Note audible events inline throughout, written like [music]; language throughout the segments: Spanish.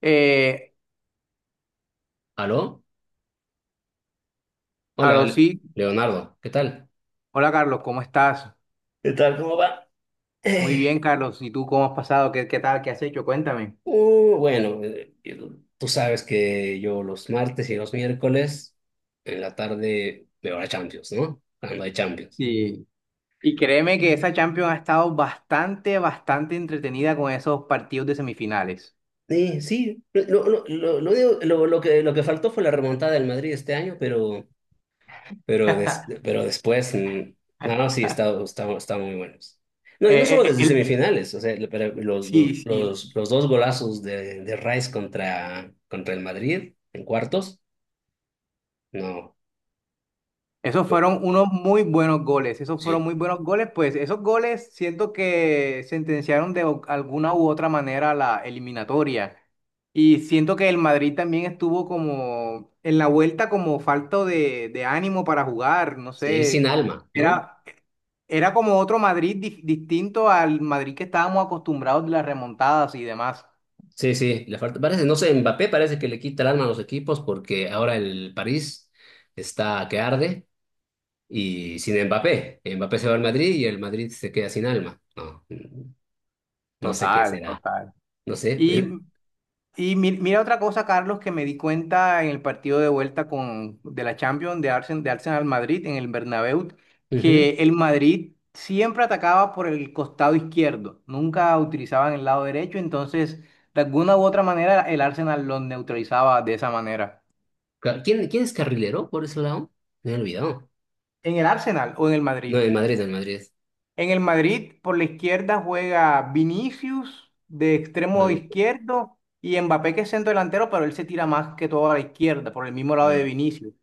Eh, ¿Aló? Hola, Aló, sí. Leonardo, ¿qué tal? Hola, Carlos, ¿cómo estás? ¿Qué tal? ¿Cómo va? Muy Eh, bien, Carlos. ¿Y tú cómo has pasado? ¿Qué tal? ¿Qué has hecho? Cuéntame. Bueno, tú sabes que yo los martes y los miércoles en la tarde veo la Champions, ¿no? Cuando hay Champions. Y, y créeme que esa Champions ha estado bastante, bastante entretenida con esos partidos de semifinales. Sí, sí. Lo digo- lo que, Lo que faltó fue la remontada del Madrid este año. Pero Pero, des- [laughs] pero después, no, no, sí, está muy buenos. No, y no Eh, solo eh, eh, desde el- semifinales, o sea, pero sí, sí. Los dos golazos de Rice contra el Madrid en cuartos, no, Esos pues, fueron unos muy buenos goles, esos fueron sí, muy buenos goles, pues esos goles siento que sentenciaron de alguna u otra manera la eliminatoria. Y siento que el Madrid también estuvo como en la vuelta como falto de ánimo para jugar, no sí, sin sé, alma, ¿no? era, era como otro Madrid distinto al Madrid que estábamos acostumbrados de las remontadas y demás. Sí, sí, le falta, parece, no sé, Mbappé parece que le quita el alma a los equipos porque ahora el París está que arde y sin Mbappé. Mbappé se va al Madrid y el Madrid se queda sin alma, no, no sé qué Total, será, total. no sé. Y Y mira otra cosa, Carlos, que me di cuenta en el partido de vuelta de la Champions de Arsenal Madrid en el Bernabéu, Ujú. que el Madrid siempre atacaba por el costado izquierdo, nunca utilizaban el lado derecho, entonces de alguna u otra manera el Arsenal los neutralizaba de esa manera. ¿Quién es carrilero por ese lado? Me he olvidado. ¿En el Arsenal o en el No, Madrid? en Madrid, en Madrid. En el Madrid por la izquierda juega Vinicius de extremo Bueno, izquierdo y Mbappé, que es centro delantero, pero él se tira más que todo a la izquierda, por el mismo lado de mm. Vinicius.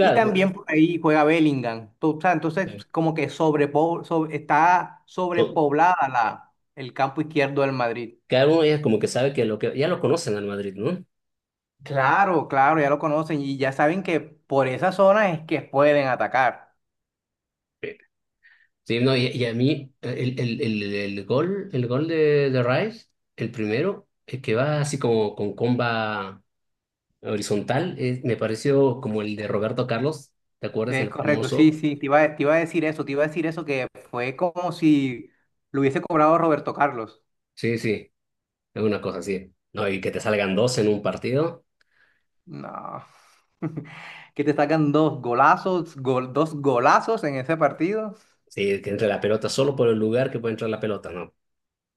Y también bueno. por ahí juega Bellingham. O sea, Ya. entonces, como que está So, sobrepoblada el campo izquierdo del Madrid. cada uno ya como que sabe que lo que ya lo conocen al Madrid, ¿no? Claro, claro, ya lo conocen y ya saben que por esa zona es que pueden atacar. Sí, sí, no, y a mí el gol de Rice, el primero, el que va así como con comba horizontal, me pareció como el de Roberto Carlos. ¿Te acuerdas? Es El correcto, sí, famoso. sí, te iba a decir eso, te iba a decir eso, que fue como si lo hubiese cobrado Roberto Carlos. Sí, sí, es una cosa así. No, y que te salgan dos en un partido. No, [laughs] que te sacan dos golazos, dos golazos en ese partido. Sí, que entre la pelota solo por el lugar que puede entrar la pelota, no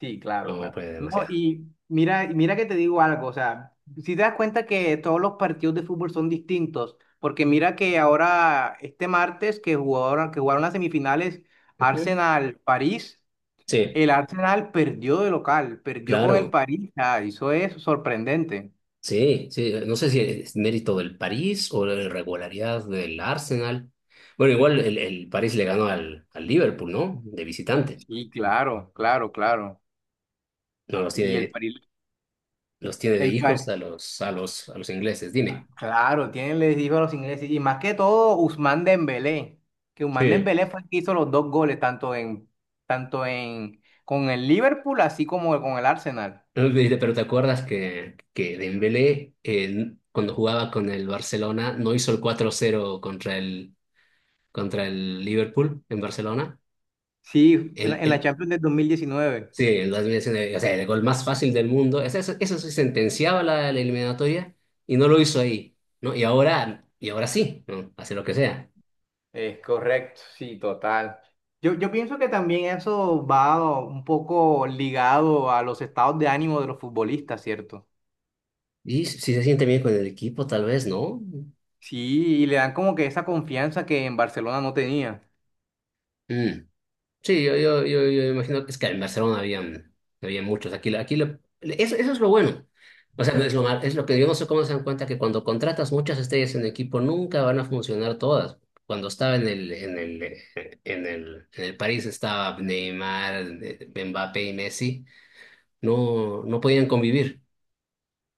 Sí, claro, no claro. fue No, demasiado. y mira, mira que te digo algo, o sea, si te das cuenta que todos los partidos de fútbol son distintos, porque mira que ahora este martes que jugaron las semifinales Ujú. Arsenal-París, Sí, el Arsenal perdió de local, perdió con el claro, París. Ah, eso es sorprendente. sí, sí. No sé si es mérito del París o la irregularidad del Arsenal. Bueno, igual el París le ganó al Liverpool, ¿no? De visitante. Sí, claro, claro, claro. No los tiene Y el de, París, Los tiene de el, hijos Pa- a a los ingleses, dime. Claro, les dijo a los ingleses, y más que todo Ousmane Dembélé, que Ousmane Sí. Dembélé fue el que hizo los dos goles, con el Liverpool, así como con el Arsenal. No, dice, pero ¿te acuerdas que Dembélé, cuando jugaba con el Barcelona, no hizo el 4-0 contra el Liverpool en Barcelona? Sí, en la El, en la el, Champions del 2019. sí, el 2019, o sea, el gol más fácil del mundo. Eso sí sentenciaba la, la eliminatoria y no lo hizo ahí, ¿no? Y ahora sí, ¿no? Hace lo que sea. Es correcto, sí, total. Yo pienso que también eso va un poco ligado a los estados de ánimo de los futbolistas, ¿cierto? Y si se siente bien con el equipo, tal vez, ¿no? Sí, y le dan como que esa confianza que en Barcelona no tenía. Mm. Sí, yo imagino que es que en Barcelona habían, había muchos. Eso, eso es lo bueno. O sea, no es lo mal- es lo que yo no sé cómo se dan cuenta que cuando contratas muchas estrellas en equipo nunca van a funcionar todas. Cuando estaba en el París estaba Neymar, Mbappé y Messi, no no podían convivir.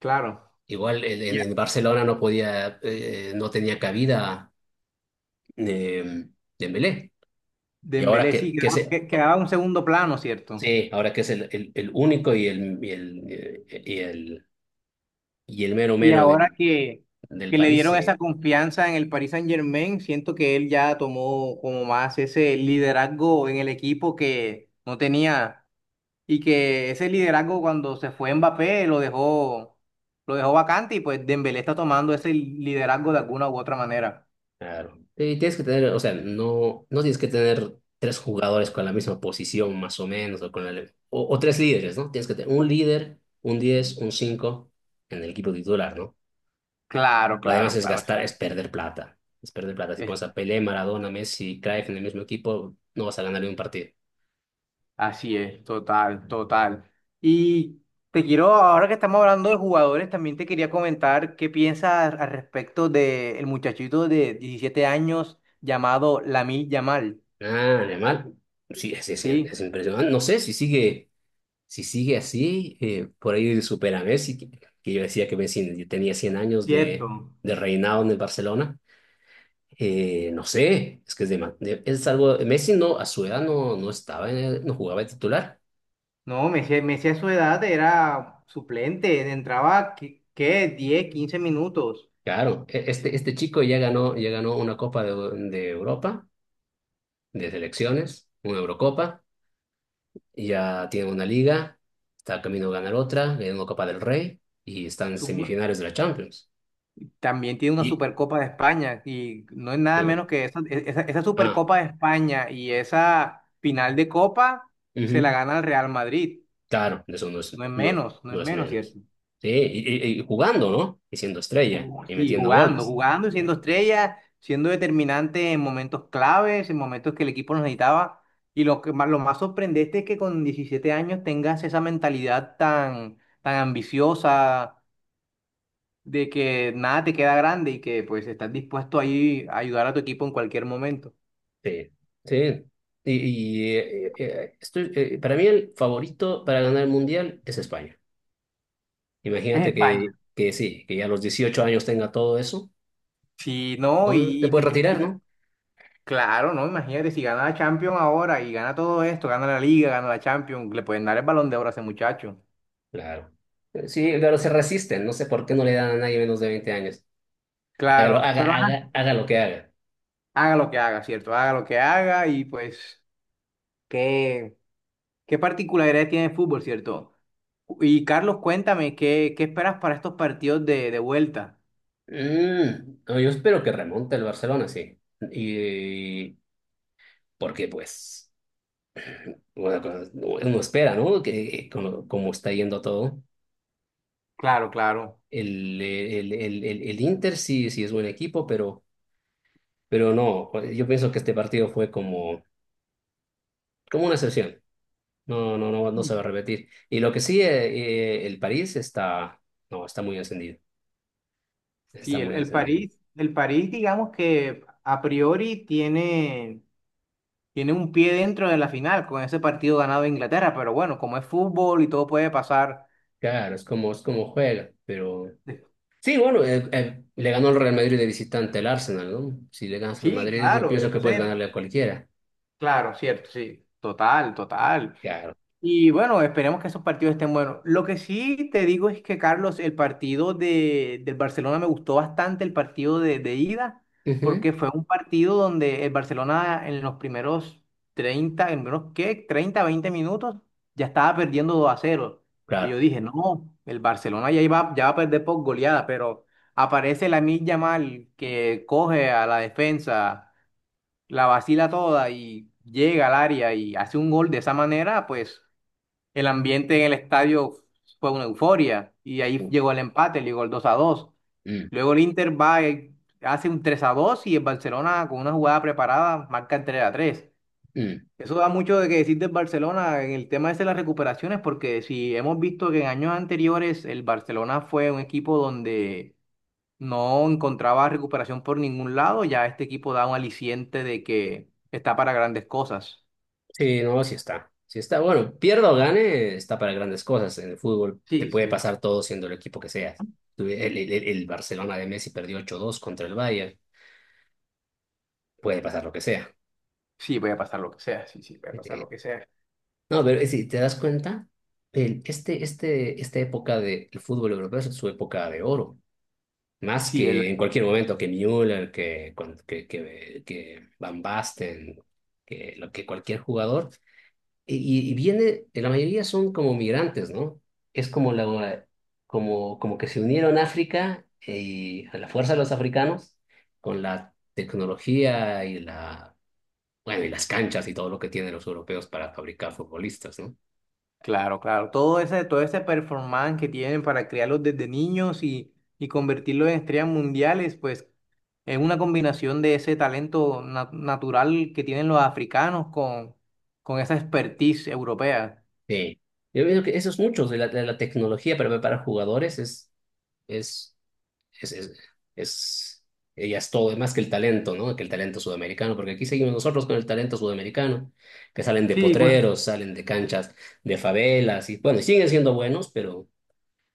Claro. Igual en Barcelona no podía, no tenía cabida, eh, Dembélé. Y ahora Dembélé, sí, que se, quedaba un segundo plano, ¿cierto? sí, ahora que es el único y el mero Y mero ahora que, del que le París, dieron esa sí, confianza en el Paris Saint-Germain, siento que él ya tomó como más ese liderazgo en el equipo que no tenía, y que ese liderazgo, cuando se fue Mbappé, lo dejó vacante, y pues Dembélé está tomando ese liderazgo de alguna u otra manera. claro. Y tienes que tener, o sea, no, no tienes que tener tres jugadores con la misma posición, más o menos, o tres líderes, ¿no? Tienes que tener un líder, un 10, un 5 en el equipo titular, ¿no? Claro, Lo demás claro, es claro. gastar, es perder plata. Es perder plata. Si pones a Pelé, Maradona, Messi, Cruyff en el mismo equipo, no vas a ganar ni un partido. Así es, total, total. Y te quiero, ahora que estamos hablando de jugadores, también te quería comentar qué piensas al respecto del muchachito de 17 años llamado Lamine Yamal. Ah, animal. Sí, es Sí, impresionante. No sé si sigue. Si sigue así, por ahí supera a Messi, que yo decía que Messi tenía 100 años cierto. De reinado en el Barcelona. No sé, es que es, de, ma- de- es algo. Messi no, a su edad no estaba, no jugaba de titular. No, Messi, a su edad era suplente, entraba, ¿qué?, 10, 15 minutos. Claro, este chico ya ganó una Copa de Europa, de selecciones, una Eurocopa, ya tiene una liga, está camino a ganar otra, ganó una Copa del Rey y está en Su- semifinales de la Champions. También tiene una Y Supercopa de España, y no es nada Eh, menos que esa ah, Supercopa de España, y esa final de Copa se la Ujú. gana el Real Madrid. Claro, de eso no es, No es no, menos, no es no es menos, menos. ¿cierto? Sí, y jugando, ¿no? Y siendo estrella y Y metiendo jugando, goles. jugando y siendo estrella, siendo determinante en momentos claves, en momentos que el equipo nos necesitaba. Y lo más sorprendente es que con 17 años tengas esa mentalidad tan, tan ambiciosa, de que nada te queda grande y que pues estás dispuesto ahí a ayudar a tu equipo en cualquier momento. Sí, sí. Para mí el favorito para ganar el Mundial es España. Es Imagínate que, España. que sí, que ya a los 18 años tenga todo eso, Sí, no, ¿no? Te puedes y- retirar, y- ¿no? claro, no, imagínate, si gana la Champions ahora y gana todo esto, gana la Liga, gana la Champions, le pueden dar el Balón de Oro a ese muchacho. Claro. Sí, pero se resisten, no sé por qué no le dan a nadie menos de 20 años. Hágalo, Claro, pero haga, haga, ajá, haga lo que haga. haga lo que haga, ¿cierto? Haga lo que haga, y pues, ¿qué, qué particularidad tiene el fútbol, ¿cierto? Y Carlos, cuéntame, ¿qué esperas para estos partidos de vuelta? No, yo espero que remonte el Barcelona, sí. Y porque pues bueno, pues, uno espera, ¿no? Que como, como está yendo todo, Claro, claro. El Inter sí, sí es buen equipo, pero no, pues, yo pienso que este partido fue como como una excepción. No, no, no, no se va a repetir. Y lo que sí, el París está, no, está muy encendido, está Sí, muy encendido. El París, digamos que a priori tiene un pie dentro de la final con ese partido ganado de Inglaterra, pero bueno, como es fútbol, y todo puede pasar. Claro, es como juega, pero. Sí, bueno, le ganó el Real Madrid de visitante al Arsenal, ¿no? Si le ganas al Sí, Madrid, yo claro, pienso que puedes entonces, ganarle a cualquiera. claro, cierto, sí, total, total. Claro. Y bueno, esperemos que esos partidos estén buenos. Lo que sí te digo es que, Carlos, el partido del Barcelona me gustó bastante, el partido de ida, Ujú, porque fue un partido donde el Barcelona, en los primeros 30, en menos que, 30, 20 minutos, ya estaba perdiendo 2-0. Y yo claro. dije: no, el Barcelona ya iba, ya va a perder por goleada, pero aparece la Lamine Yamal, que coge a la defensa, la vacila toda y llega al área y hace un gol de esa manera, pues. El ambiente en el estadio fue una euforia, y ahí llegó el empate, llegó el 2-2. Mm, Luego el Inter va y hace un 3-2, y el Barcelona, con una jugada preparada, marca el 3-3. mm. Eso da mucho de que decir del Barcelona en el tema ese de las recuperaciones, porque si hemos visto que en años anteriores el Barcelona fue un equipo donde no encontraba recuperación por ningún lado, ya este equipo da un aliciente de que está para grandes cosas. Sí, no, sí está. Sí está. Bueno, pierda o gane, está para grandes cosas en el fútbol. Te Sí, puede sí. pasar todo siendo el equipo que seas. El Barcelona de Messi perdió 8-2 contra el Bayern. Puede pasar lo que sea. Sí, voy a pasar lo que sea, sí, sí, voy a pasar Eh, lo que sea. no, pero si te das cuenta, esta época del fútbol europeo es su época de oro. Más Sí, el que en cualquier momento que Müller, que Van Basten, que cualquier jugador. Y viene, la mayoría son como migrantes, ¿no? Es como, la, como, que se unieron África y a la fuerza de los africanos con la tecnología y bueno, y las canchas y todo lo que tienen los europeos para fabricar futbolistas, ¿no? Claro, claro. Todo ese performance que tienen para criarlos desde niños, y convertirlos en estrellas mundiales, pues es una combinación de ese talento natural que tienen los africanos con esa expertise europea. Sí. Yo veo que esos muchos de la tecnología para preparar jugadores es es, es, es- ella es todo más que el talento, ¿no? Que el talento sudamericano, porque aquí seguimos nosotros con el talento sudamericano, que salen de Sí, bueno. potreros, salen de canchas, de favelas, y bueno, y siguen siendo buenos, pero,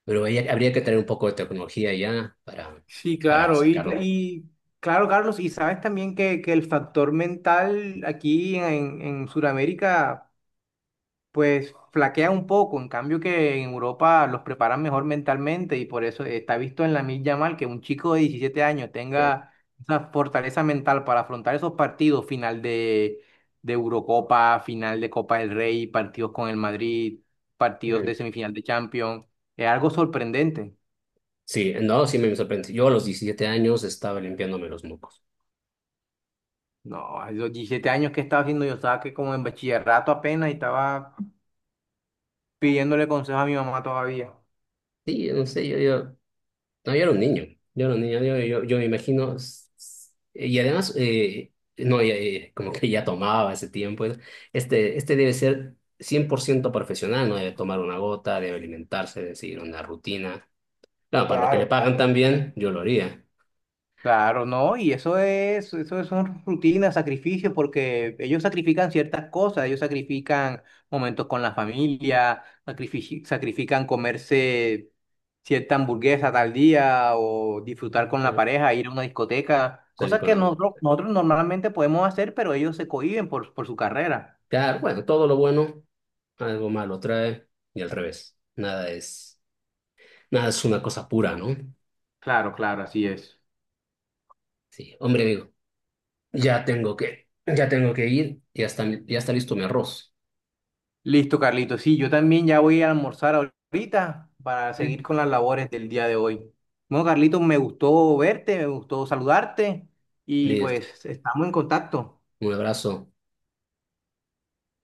pero ahí habría que tener un poco de tecnología ya Sí, para claro. Y, sacarlo. y claro, Carlos, y sabes también que el factor mental aquí en Sudamérica pues flaquea un poco, en cambio que en Europa los preparan mejor mentalmente, y por eso está visto en la Lamine Yamal que un chico de 17 años de- tenga esa fortaleza mental para afrontar esos partidos: final de Eurocopa, final de Copa del Rey, partidos con el Madrid, partidos de semifinal de Champions. Es algo sorprendente. Sí, no, sí me sorprende. Yo a los 17 años estaba limpiándome los mocos. No, a los 17 años, que estaba haciendo yo, estaba que como en bachillerato apenas y estaba pidiéndole consejo a mi mamá todavía. Sí, yo no sé, yo no, yo era un niño, yo era un niño, yo me imagino, y además, no, ya, como que ya tomaba ese tiempo, este, este debe ser 100% profesional, no debe tomar una gota, debe alimentarse, debe seguir una rutina. Claro, para lo que le Claro. pagan también, yo lo haría, Claro, no, y eso son rutinas, sacrificios, porque ellos sacrifican ciertas cosas, ellos sacrifican momentos con la familia, sacrifican comerse cierta hamburguesa tal día, o disfrutar con la eh, pareja, ir a una discoteca, salir cosas con que algo. nosotros normalmente podemos hacer, pero ellos se cohíben por su carrera. Claro, bueno, todo lo bueno, algo malo trae, y al revés, nada es una cosa pura, ¿no? Claro, claro, así es. Sí, hombre, amigo, ya tengo que ir, ya está listo mi arroz. Listo, Carlito. Sí, yo también ya voy a almorzar ahorita para seguir con las labores del día de hoy. Bueno, Carlito, me gustó verte, me gustó saludarte y Listo. pues estamos en contacto. Un abrazo.